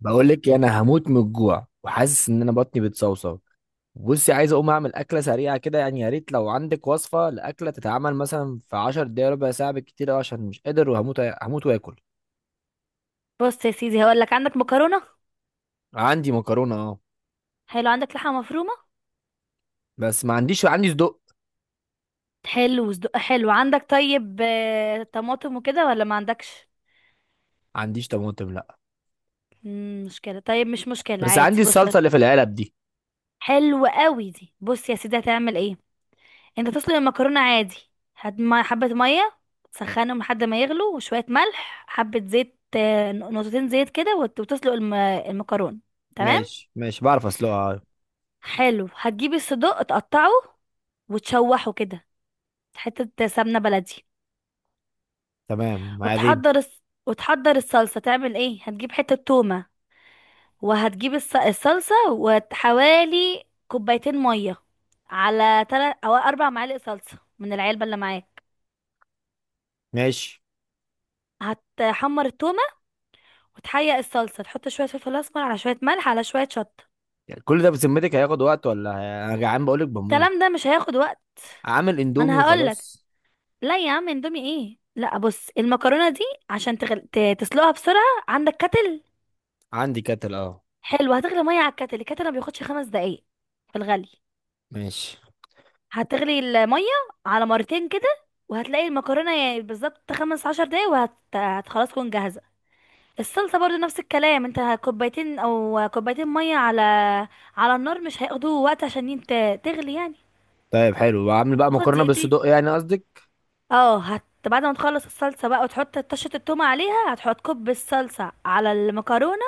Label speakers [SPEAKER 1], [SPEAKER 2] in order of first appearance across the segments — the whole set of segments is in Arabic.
[SPEAKER 1] بقول لك إيه، انا هموت من الجوع وحاسس ان انا بطني بتصوصو. بصي، عايز اقوم اعمل اكله سريعه كده يعني، يا ريت لو عندك وصفه لاكله تتعمل مثلا في 10 دقايق، ربع ساعه بالكتير أوي، عشان مش قادر وهموت. هموت واكل.
[SPEAKER 2] بص يا سيدي، هقول لك. عندك مكرونه؟
[SPEAKER 1] عندي مكرونه اه.
[SPEAKER 2] حلو. عندك لحمه مفرومه؟
[SPEAKER 1] بس ما عنديش، عندي صدق.
[SPEAKER 2] حلو. وصدق حلو. عندك طيب، طماطم وكده ولا ما عندكش؟
[SPEAKER 1] ما عنديش طماطم لا.
[SPEAKER 2] مشكله. طيب مش مشكله،
[SPEAKER 1] بس
[SPEAKER 2] عادي.
[SPEAKER 1] عندي
[SPEAKER 2] بص،
[SPEAKER 1] الصلصه اللي في العلب دي.
[SPEAKER 2] حلو قوي دي. بص يا سيدي، هتعمل ايه. انت تسلق المكرونه عادي. هات حبه ميه، تسخنهم لحد ما يغلوا، وشويه ملح، حبه زيت، نقطتين زيت كده، وتسلق المكرونه. تمام.
[SPEAKER 1] ماشي ماشي، بعرف اسلقها آه.
[SPEAKER 2] حلو، هتجيب الصدوق تقطعه وتشوحه كده، حته سمنه بلدي.
[SPEAKER 1] تمام معاذين.
[SPEAKER 2] وتحضر الصلصة. تعمل ايه؟ هتجيب حتة تومة، الصلصة، وحوالي كوبايتين مية على 3 أو 4 معالق صلصة من العلبة اللي معاك.
[SPEAKER 1] ماشي.
[SPEAKER 2] هتحمر التومة وتحيق الصلصة، تحط شوية فلفل اسمر، على شوية ملح، على شوية شطة.
[SPEAKER 1] يعني كل ده بذمتك هياخد وقت ولا؟ انا جعان بقول لك، بموت.
[SPEAKER 2] الكلام ده مش هياخد وقت.
[SPEAKER 1] عامل
[SPEAKER 2] ما
[SPEAKER 1] اندومي
[SPEAKER 2] انا هقولك.
[SPEAKER 1] وخلاص.
[SPEAKER 2] لا يا عم، اندومي ايه؟ لا، بص المكرونة دي عشان تسلقها بسرعة. عندك كتل؟
[SPEAKER 1] عندي كاتل اه.
[SPEAKER 2] حلو، هتغلي مية على الكتل. الكتل ما بياخدش 5 دقايق في الغلي.
[SPEAKER 1] ماشي.
[SPEAKER 2] هتغلي المية على مرتين كده، وهتلاقي المكرونة يعني بالظبط 15 دقايق خلاص تكون جاهزة. الصلصة برضو نفس الكلام. انت كوبايتين او كوبايتين مية على على النار، مش هياخدوا وقت عشان تغلي يعني.
[SPEAKER 1] طيب حلو، بعمل بقى
[SPEAKER 2] تاخد
[SPEAKER 1] مكرونه
[SPEAKER 2] دقيقتين.
[SPEAKER 1] بالصدق يعني قصدك.
[SPEAKER 2] اه، هت بعد ما تخلص الصلصة بقى وتحط طشة التومة عليها، هتحط كوب الصلصة على المكرونة،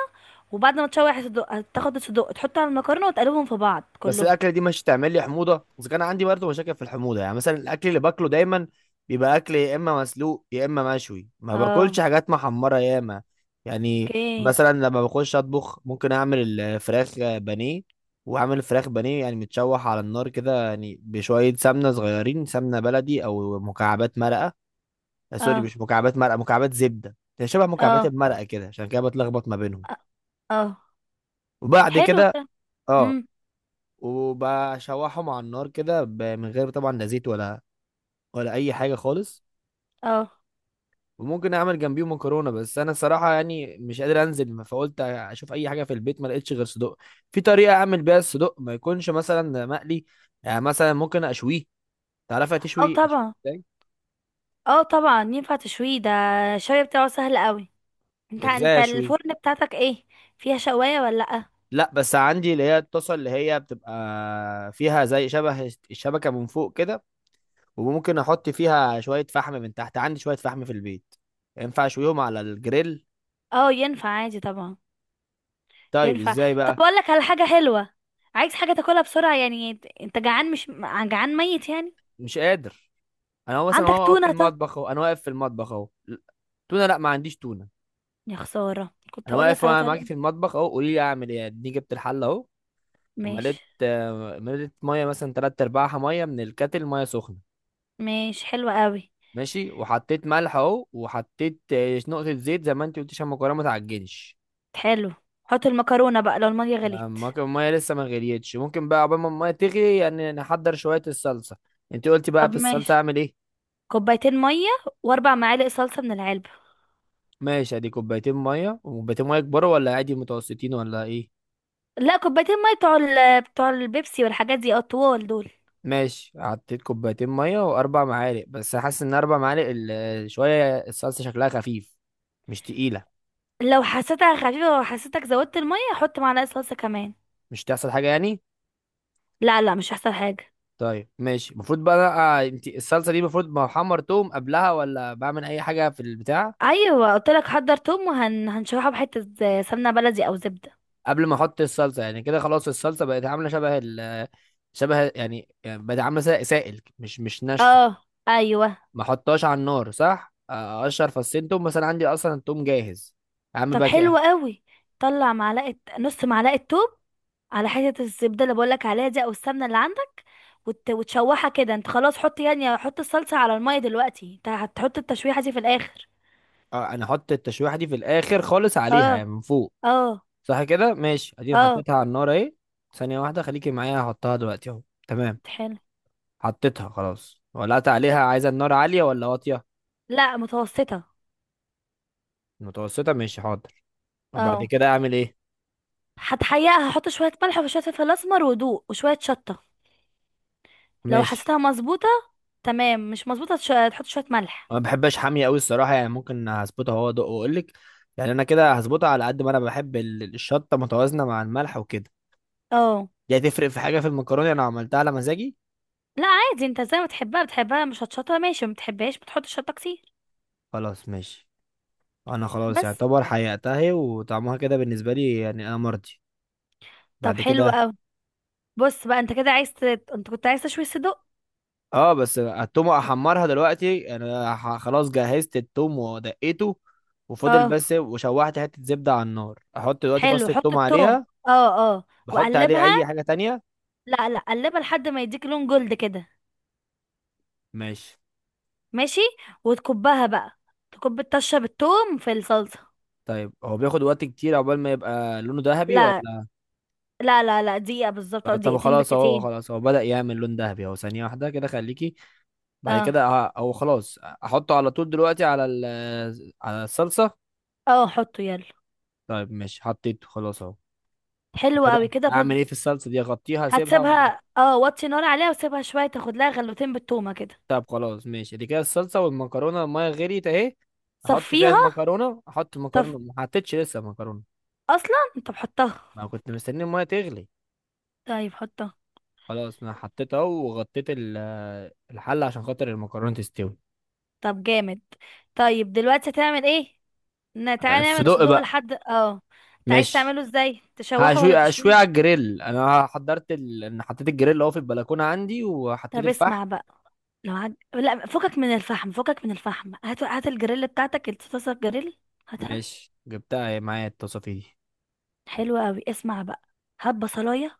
[SPEAKER 2] وبعد ما تشوح الصدوق هتاخد الصدوق تحطه على المكرونة وتقلبهم في بعض
[SPEAKER 1] بس
[SPEAKER 2] كلهم.
[SPEAKER 1] الاكله دي مش هتعمل لي حموضه؟ اذا كان عندي برضه مشاكل في الحموضه، يعني مثلا الاكل اللي باكله دايما بيبقى اكل يا اما مسلوق يا اما مشوي، ما باكلش
[SPEAKER 2] اه.
[SPEAKER 1] حاجات محمره ياما. يعني
[SPEAKER 2] اوكي.
[SPEAKER 1] مثلا لما بخش اطبخ ممكن اعمل الفراخ بانيه. واعمل الفراخ بانيه يعني متشوح على النار كده، يعني بشويه سمنه صغيرين سمنه بلدي او مكعبات مرقه. سوري،
[SPEAKER 2] اه.
[SPEAKER 1] مش مكعبات مرقه، مكعبات زبده، هي شبه مكعبات
[SPEAKER 2] اه.
[SPEAKER 1] المرقه كده، عشان كده بتلخبط ما بينهم.
[SPEAKER 2] اه.
[SPEAKER 1] وبعد
[SPEAKER 2] حلو.
[SPEAKER 1] كده
[SPEAKER 2] ده.
[SPEAKER 1] اه، وبشوحهم على النار كده من غير طبعا لا زيت ولا اي حاجه خالص.
[SPEAKER 2] اه.
[SPEAKER 1] وممكن اعمل جنبيهم مكرونه، بس انا الصراحه يعني مش قادر انزل، فقلت اشوف اي حاجه في البيت، ما لقيتش غير صدق. في طريقه اعمل بيها الصدق ما يكونش مثلا مقلي؟ يعني مثلا ممكن اشويه. تعرف
[SPEAKER 2] اه
[SPEAKER 1] تشوي أشوي؟
[SPEAKER 2] طبعا.
[SPEAKER 1] ازاي؟
[SPEAKER 2] اه طبعا، ينفع تشويه ده. الشوية بتاعه سهل قوي. انت
[SPEAKER 1] ازاي اشويه؟
[SPEAKER 2] الفرن بتاعتك ايه؟ فيها شواية ولا لأ؟
[SPEAKER 1] لا بس عندي اللي هي الطاسه اللي هي بتبقى فيها زي شبه الشبكه من فوق كده. وممكن احط فيها شويه فحم من تحت، عندي شويه فحم في البيت. ينفع اشويهم على الجريل؟
[SPEAKER 2] اه، ينفع عادي طبعا.
[SPEAKER 1] طيب
[SPEAKER 2] ينفع.
[SPEAKER 1] ازاي
[SPEAKER 2] طب،
[SPEAKER 1] بقى؟
[SPEAKER 2] اقول لك على حاجة حلوة. عايز حاجة تاكلها بسرعة يعني. انت جعان، مش جعان ميت يعني.
[SPEAKER 1] مش قادر. انا هو مثلا،
[SPEAKER 2] عندك
[SPEAKER 1] هو واقف في
[SPEAKER 2] تونة طه؟
[SPEAKER 1] المطبخ اهو، انا واقف في المطبخ اهو تونه لا، ما عنديش تونه.
[SPEAKER 2] يا خسارة، كنت
[SPEAKER 1] انا
[SPEAKER 2] هقول
[SPEAKER 1] واقف
[SPEAKER 2] لك على
[SPEAKER 1] أهو معاكي
[SPEAKER 2] طريقة.
[SPEAKER 1] في المطبخ اهو، قولي لي اعمل ايه. اديني جبت الحله اهو. ومليت
[SPEAKER 2] ماشي
[SPEAKER 1] آه، مليت ميه، مثلا تلات ارباعها ميه من الكاتل، ميه سخنه.
[SPEAKER 2] ماشي. حلوة قوي.
[SPEAKER 1] ماشي، وحطيت ملح اهو، وحطيت نقطه زيت زي ما انت قلت عشان المكرونه ما تعجنش.
[SPEAKER 2] حلو، حط المكرونة بقى لو المية غليت.
[SPEAKER 1] الميه لسه ما غليتش. ممكن بقى عقبال ما الميه تغلي يعني نحضر شويه الصلصه. انت قلتي بقى
[SPEAKER 2] طب
[SPEAKER 1] في الصلصه
[SPEAKER 2] ماشي،
[SPEAKER 1] اعمل ايه؟
[SPEAKER 2] كوبايتين مية واربع معالق صلصة من العلبة.
[SPEAKER 1] ماشي. ادي كوبايتين ميه، وكوبايتين ميه كبار ولا عادي، متوسطين، ولا ايه؟
[SPEAKER 2] لا، كوبايتين ميه بتوع بتوع البيبسي والحاجات دي الطوال دول.
[SPEAKER 1] ماشي. حطيت كوبايتين ميه واربع معالق، بس حاسس ان اربع معالق شويه الصلصه شكلها خفيف، مش تقيله.
[SPEAKER 2] لو حسيتها خفيفه وحسيتك زودت الميه، حط معلقه صلصه كمان.
[SPEAKER 1] مش تحصل حاجه يعني؟
[SPEAKER 2] لا لا، مش هيحصل حاجه.
[SPEAKER 1] طيب ماشي، المفروض بقى انت الصلصه دي المفروض بحمر توم قبلها، ولا بعمل اي حاجه في البتاع
[SPEAKER 2] ايوه قلت لك، حضر توم هنشرحه بحته، سمنه بلدي او زبده.
[SPEAKER 1] قبل ما احط الصلصه يعني؟ كده خلاص الصلصه بقت عامله شبه يعني بقت عامله سائل، مش ناشفه.
[SPEAKER 2] اه. ايوه.
[SPEAKER 1] ما احطهاش على النار صح؟ اقشر فصين توم، بس انا عندي اصلا التوم جاهز يا عم
[SPEAKER 2] طب
[SPEAKER 1] بقى
[SPEAKER 2] حلو
[SPEAKER 1] كده.
[SPEAKER 2] قوي. طلع معلقه نص معلقه توم على حته الزبده اللي بقولك عليها دي او السمنه اللي عندك، وتشوحها كده. انت خلاص حط، يعني حط الصلصه على الميه دلوقتي، انت هتحط التشويحه دي في الاخر.
[SPEAKER 1] انا احط التشويحه دي في الاخر خالص
[SPEAKER 2] اه.
[SPEAKER 1] عليها يعني من فوق؟
[SPEAKER 2] اه.
[SPEAKER 1] صح كده ماشي. اديني
[SPEAKER 2] اه.
[SPEAKER 1] حطيتها على النار اهي. ثانيه واحده خليكي معايا، هحطها دلوقتي اهو. تمام.
[SPEAKER 2] حلو.
[SPEAKER 1] حطيتها خلاص، ولعت عليها. عايزه النار عاليه ولا واطيه؟
[SPEAKER 2] لا، متوسطة.
[SPEAKER 1] متوسطه ماشي، حاضر. وبعد
[SPEAKER 2] اه،
[SPEAKER 1] كده اعمل ايه؟
[SPEAKER 2] هتحيقها، هحط شوية ملح وشوية فلفل أسمر ودوق وشوية شطة. لو
[SPEAKER 1] ماشي.
[SPEAKER 2] حسيتها مظبوطة تمام، مش مظبوطة تحط شوية ملح.
[SPEAKER 1] ما بحبش حاميه قوي الصراحه، يعني ممكن هظبطها هو ادق واقول لك. يعني انا كده هظبطها على قد ما انا بحب الشطه متوازنه مع الملح وكده.
[SPEAKER 2] اه.
[SPEAKER 1] دي هتفرق في حاجة في المكرونة؟ انا عملتها على مزاجي.
[SPEAKER 2] لا عادي، انت زي ما تحبها بتحبها، مش هتشطها ماشي، ما بتحبهاش بتحط شطة كتير.
[SPEAKER 1] خلاص ماشي. انا خلاص
[SPEAKER 2] بس.
[SPEAKER 1] يعتبر حققتها هي، وطعمها كده بالنسبة لي يعني انا مرضي.
[SPEAKER 2] طب
[SPEAKER 1] بعد
[SPEAKER 2] حلو
[SPEAKER 1] كده
[SPEAKER 2] اوي. بص بقى، انت كنت عايز تشوي صدق.
[SPEAKER 1] اه. بس التوم، احمرها دلوقتي. انا خلاص جهزت التوم ودقيته وفضل
[SPEAKER 2] اه.
[SPEAKER 1] بس، وشوحت حتة زبدة على النار. احط دلوقتي
[SPEAKER 2] حلو،
[SPEAKER 1] فص
[SPEAKER 2] حط
[SPEAKER 1] التوم
[SPEAKER 2] التوم.
[SPEAKER 1] عليها.
[SPEAKER 2] اه. اه.
[SPEAKER 1] بحط عليه
[SPEAKER 2] وقلبها.
[SPEAKER 1] اي حاجة تانية؟
[SPEAKER 2] لا لا، قلبها لحد ما يديك لون جلد كده.
[SPEAKER 1] ماشي.
[SPEAKER 2] ماشي. وتكبها بقى، تكب الطشة بالتوم في الصلصة.
[SPEAKER 1] طيب هو بياخد وقت كتير عقبال ما يبقى لونه ذهبي
[SPEAKER 2] لا
[SPEAKER 1] ولا؟
[SPEAKER 2] لا لا لا، دقيقة بالظبط او
[SPEAKER 1] طب
[SPEAKER 2] دقيقتين
[SPEAKER 1] خلاص اهو،
[SPEAKER 2] بالكتير.
[SPEAKER 1] خلاص هو بدأ يعمل لون ذهبي اهو. ثانية واحدة كده خليكي. بعد
[SPEAKER 2] اه.
[SPEAKER 1] كده هو خلاص احطه على طول دلوقتي على على الصلصه؟
[SPEAKER 2] اه حطه يلا.
[SPEAKER 1] طيب ماشي، حطيته خلاص اهو.
[SPEAKER 2] حلو
[SPEAKER 1] كده
[SPEAKER 2] قوي كده
[SPEAKER 1] اعمل ايه في الصلصه دي؟ اغطيها، اسيبها، ولا؟
[SPEAKER 2] هتسيبها اه، وطي نار عليها وسيبها شوية تاخد لها غلوتين بالتومة كده.
[SPEAKER 1] طب خلاص ماشي، دي كده الصلصه والمكرونه. الميه غليت اهي، احط فيها
[SPEAKER 2] صفيها.
[SPEAKER 1] المكرونه؟ احط
[SPEAKER 2] طب
[SPEAKER 1] المكرونه، ما حطيتش لسه المكرونه،
[SPEAKER 2] اصلا انت بحطها؟
[SPEAKER 1] ما كنت مستني الميه تغلي.
[SPEAKER 2] طيب حطها.
[SPEAKER 1] خلاص انا حطيتها اهو، وغطيت الحله عشان خاطر المكرونه تستوي.
[SPEAKER 2] طب جامد. طيب دلوقتي هتعمل ايه؟ تعالى نعمل
[SPEAKER 1] الصدق
[SPEAKER 2] الصدوق
[SPEAKER 1] بقى.
[SPEAKER 2] لحد اه. انت عايز
[SPEAKER 1] ماشي،
[SPEAKER 2] تعمله ازاي، تشوحه
[SPEAKER 1] هشوي،
[SPEAKER 2] ولا
[SPEAKER 1] اشوي
[SPEAKER 2] تشويه؟
[SPEAKER 1] على الجريل. انا حضرت ال... انا حطيت الجريل اهو في البلكونه عندي، وحطيت
[SPEAKER 2] طب
[SPEAKER 1] الفحم.
[SPEAKER 2] اسمع بقى، لو لا، فكك من الفحم، فكك من الفحم، هات هات الجريل بتاعتك، الطاسه الجريل، هاتها.
[SPEAKER 1] ماشي، جبتها معايا التصافي دي.
[SPEAKER 2] حلوة قوي. اسمع بقى، هات بصلايه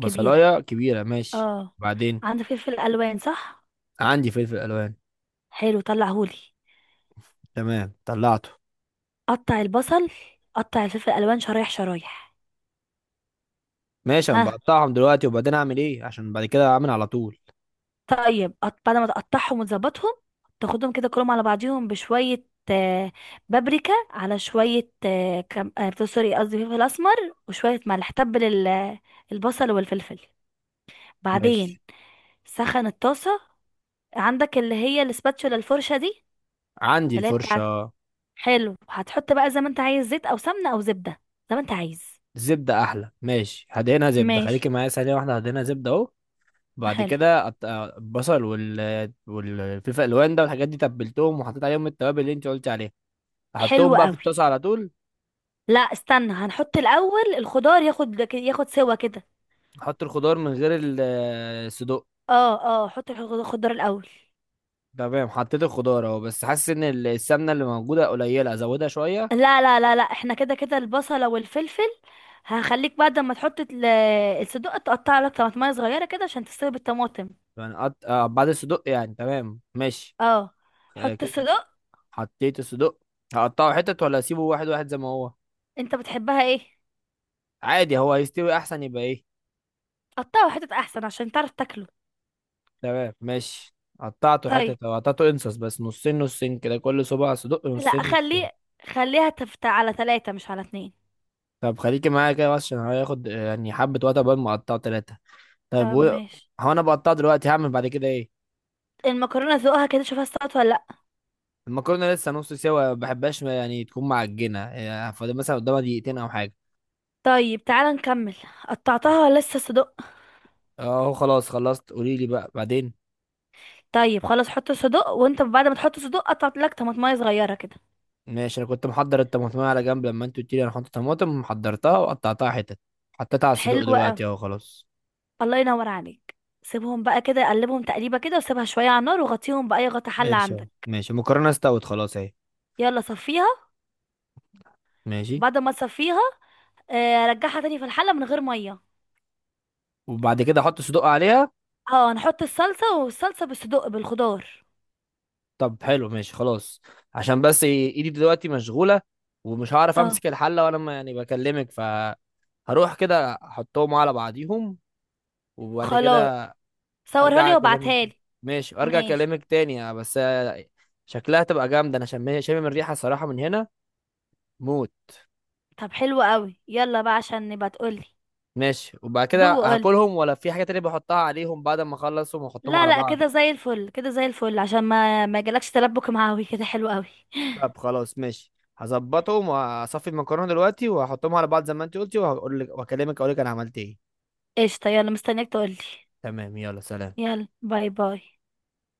[SPEAKER 2] كبيرة.
[SPEAKER 1] كبيرة ماشي.
[SPEAKER 2] اه.
[SPEAKER 1] بعدين؟
[SPEAKER 2] عندك فلفل الوان صح؟
[SPEAKER 1] عندي فلفل ألوان.
[SPEAKER 2] حلو، طلعهولي.
[SPEAKER 1] تمام طلعته.
[SPEAKER 2] قطع البصل، قطع الفلفل الالوان شرايح شرايح.
[SPEAKER 1] ماشي، أنا
[SPEAKER 2] ها.
[SPEAKER 1] بقطعهم دلوقتي، وبعدين أعمل إيه؟ عشان بعد كده أعمل على طول.
[SPEAKER 2] طيب بعد ما تقطعهم وتظبطهم، تاخدهم كده كلهم على بعضيهم بشوية آه، بابريكا، على شوية آه، كم... آه، سوري قصدي فلفل أسمر، وشوية ملح، تبل البصل والفلفل. بعدين
[SPEAKER 1] ماشي.
[SPEAKER 2] سخن الطاسة. عندك اللي هي الاسباتشولا الفرشة دي،
[SPEAKER 1] عندي
[SPEAKER 2] اللي هي بتاعت.
[SPEAKER 1] الفرشة.
[SPEAKER 2] حلو، هتحط بقى زي ما انت عايز، زيت أو سمنة أو زبدة، زي ما انت عايز.
[SPEAKER 1] زبدة أحلى ماشي، هدينا زبدة،
[SPEAKER 2] ماشي.
[SPEAKER 1] خليكي معايا ثانية واحدة، هدينا زبدة أهو. بعد
[SPEAKER 2] حلو.
[SPEAKER 1] كده البصل وال والفلفل الألوان ده والحاجات دي، تبلتهم وحطيت عليهم التوابل اللي أنت قلتي عليها. أحطهم
[SPEAKER 2] حلو
[SPEAKER 1] بقى في
[SPEAKER 2] قوي.
[SPEAKER 1] الطاسة على طول؟
[SPEAKER 2] لا استنى، هنحط الاول الخضار ياخد ياخد سوا كده.
[SPEAKER 1] أحط الخضار من غير الصدوق؟
[SPEAKER 2] اه. اه، حط الخضار الاول.
[SPEAKER 1] تمام، حطيت الخضار اهو، بس حاسس ان السمنه اللي موجوده قليله، ازودها شويه؟
[SPEAKER 2] لا لا لا لا، احنا كده كده البصلة والفلفل. هخليك بعد ما تحط الصدق تقطع لك طماطمية صغيرة كده عشان تستوي بالطماطم.
[SPEAKER 1] يعني آه بعد الصدق يعني، تمام ماشي.
[SPEAKER 2] اه،
[SPEAKER 1] آه
[SPEAKER 2] حط
[SPEAKER 1] كده.
[SPEAKER 2] الصدق.
[SPEAKER 1] حطيت الصدق. هقطعه حتت، ولا اسيبه واحد واحد زي ما هو؟
[SPEAKER 2] انت بتحبها ايه؟
[SPEAKER 1] عادي، هو هيستوي احسن يبقى ايه؟
[SPEAKER 2] قطعه حتت احسن عشان تعرف تاكله.
[SPEAKER 1] تمام ماشي. قطعته
[SPEAKER 2] طيب.
[SPEAKER 1] حتت، او قطعته انصص، بس نصين نصين كده، كل صباع صدق
[SPEAKER 2] لا
[SPEAKER 1] نصين نصين.
[SPEAKER 2] خليه، خليها تفت على ثلاثة مش على اتنين.
[SPEAKER 1] طب خليكي معايا كده بس، عشان هياخد يعني حبه وقت قبل ما اقطعه ثلاثه. طب
[SPEAKER 2] طب
[SPEAKER 1] و...
[SPEAKER 2] ماشي.
[SPEAKER 1] هو انا بقطعه دلوقتي، هعمل بعد كده ايه؟
[SPEAKER 2] المكرونة ذوقها كده، شوفها استوت ولا.
[SPEAKER 1] المكرونه لسه نص سوا، ما بحبهاش يعني تكون معجنه، يعني فاضل مثلا قدامها دقيقتين او حاجه.
[SPEAKER 2] طيب تعالى نكمل. قطعتها ولا لسه صدق؟
[SPEAKER 1] اهو خلاص خلصت، قولي لي بقى بعدين.
[SPEAKER 2] طيب خلاص، حط صدق، وانت بعد ما تحط صدق قطعت لك طماطمايه صغيره كده.
[SPEAKER 1] ماشي، انا كنت محضر الطماطم على جنب لما انت قلت لي، انا حاطط طماطم، محضرتها وقطعتها حتت، حطيتها على الصدوق
[SPEAKER 2] حلوه قوي.
[SPEAKER 1] دلوقتي اهو خلاص.
[SPEAKER 2] الله ينور عليك. سيبهم بقى كده، قلبهم تقليبه كده، وسيبها شويه على النار وغطيهم باي غطا حله
[SPEAKER 1] ماشي اهو
[SPEAKER 2] عندك.
[SPEAKER 1] ماشي، المكرونه استوت خلاص اهي.
[SPEAKER 2] يلا صفيها.
[SPEAKER 1] ماشي،
[SPEAKER 2] بعد ما تصفيها رجعها تاني في الحله من غير ميه.
[SPEAKER 1] وبعد كده احط صدوق عليها؟
[SPEAKER 2] اه، نحط الصلصه، والصلصه بالصدق بالخضار.
[SPEAKER 1] طب حلو ماشي خلاص. عشان بس إيه، ايدي دلوقتي مشغوله ومش هعرف
[SPEAKER 2] اه
[SPEAKER 1] امسك الحله وانا ما يعني بكلمك، ف هروح كده احطهم على بعضيهم، وبعد
[SPEAKER 2] خلاص،
[SPEAKER 1] كده
[SPEAKER 2] صورها
[SPEAKER 1] ارجع
[SPEAKER 2] لي
[SPEAKER 1] اكلمك.
[SPEAKER 2] وابعتها لي.
[SPEAKER 1] ماشي وارجع
[SPEAKER 2] ماشي.
[SPEAKER 1] اكلمك تاني ، بس شكلها تبقى جامده، انا شامم الريحه الصراحه من هنا. موت.
[SPEAKER 2] طب حلو قوي، يلا بقى عشان نبقى تقولي.
[SPEAKER 1] ماشي، وبعد كده
[SPEAKER 2] دوق.
[SPEAKER 1] هاكلهم ولا في حاجه تانية بحطها عليهم بعد ما اخلصهم واحطهم
[SPEAKER 2] لا
[SPEAKER 1] على
[SPEAKER 2] لا،
[SPEAKER 1] بعض؟
[SPEAKER 2] كده زي الفل، كده زي الفل، عشان ما ما يجيلكش تلبك معاوي كده. حلو قوي.
[SPEAKER 1] طب خلاص ماشي، هظبطهم وهصفي المكرونه دلوقتي وهحطهم على بعض زي ما انت قلتي، وهقول لك واكلمك اقول لك انا عملت ايه.
[SPEAKER 2] قشطة، يلا مستنياك تقولي.
[SPEAKER 1] تمام، يلا سلام.
[SPEAKER 2] يلا باي باي.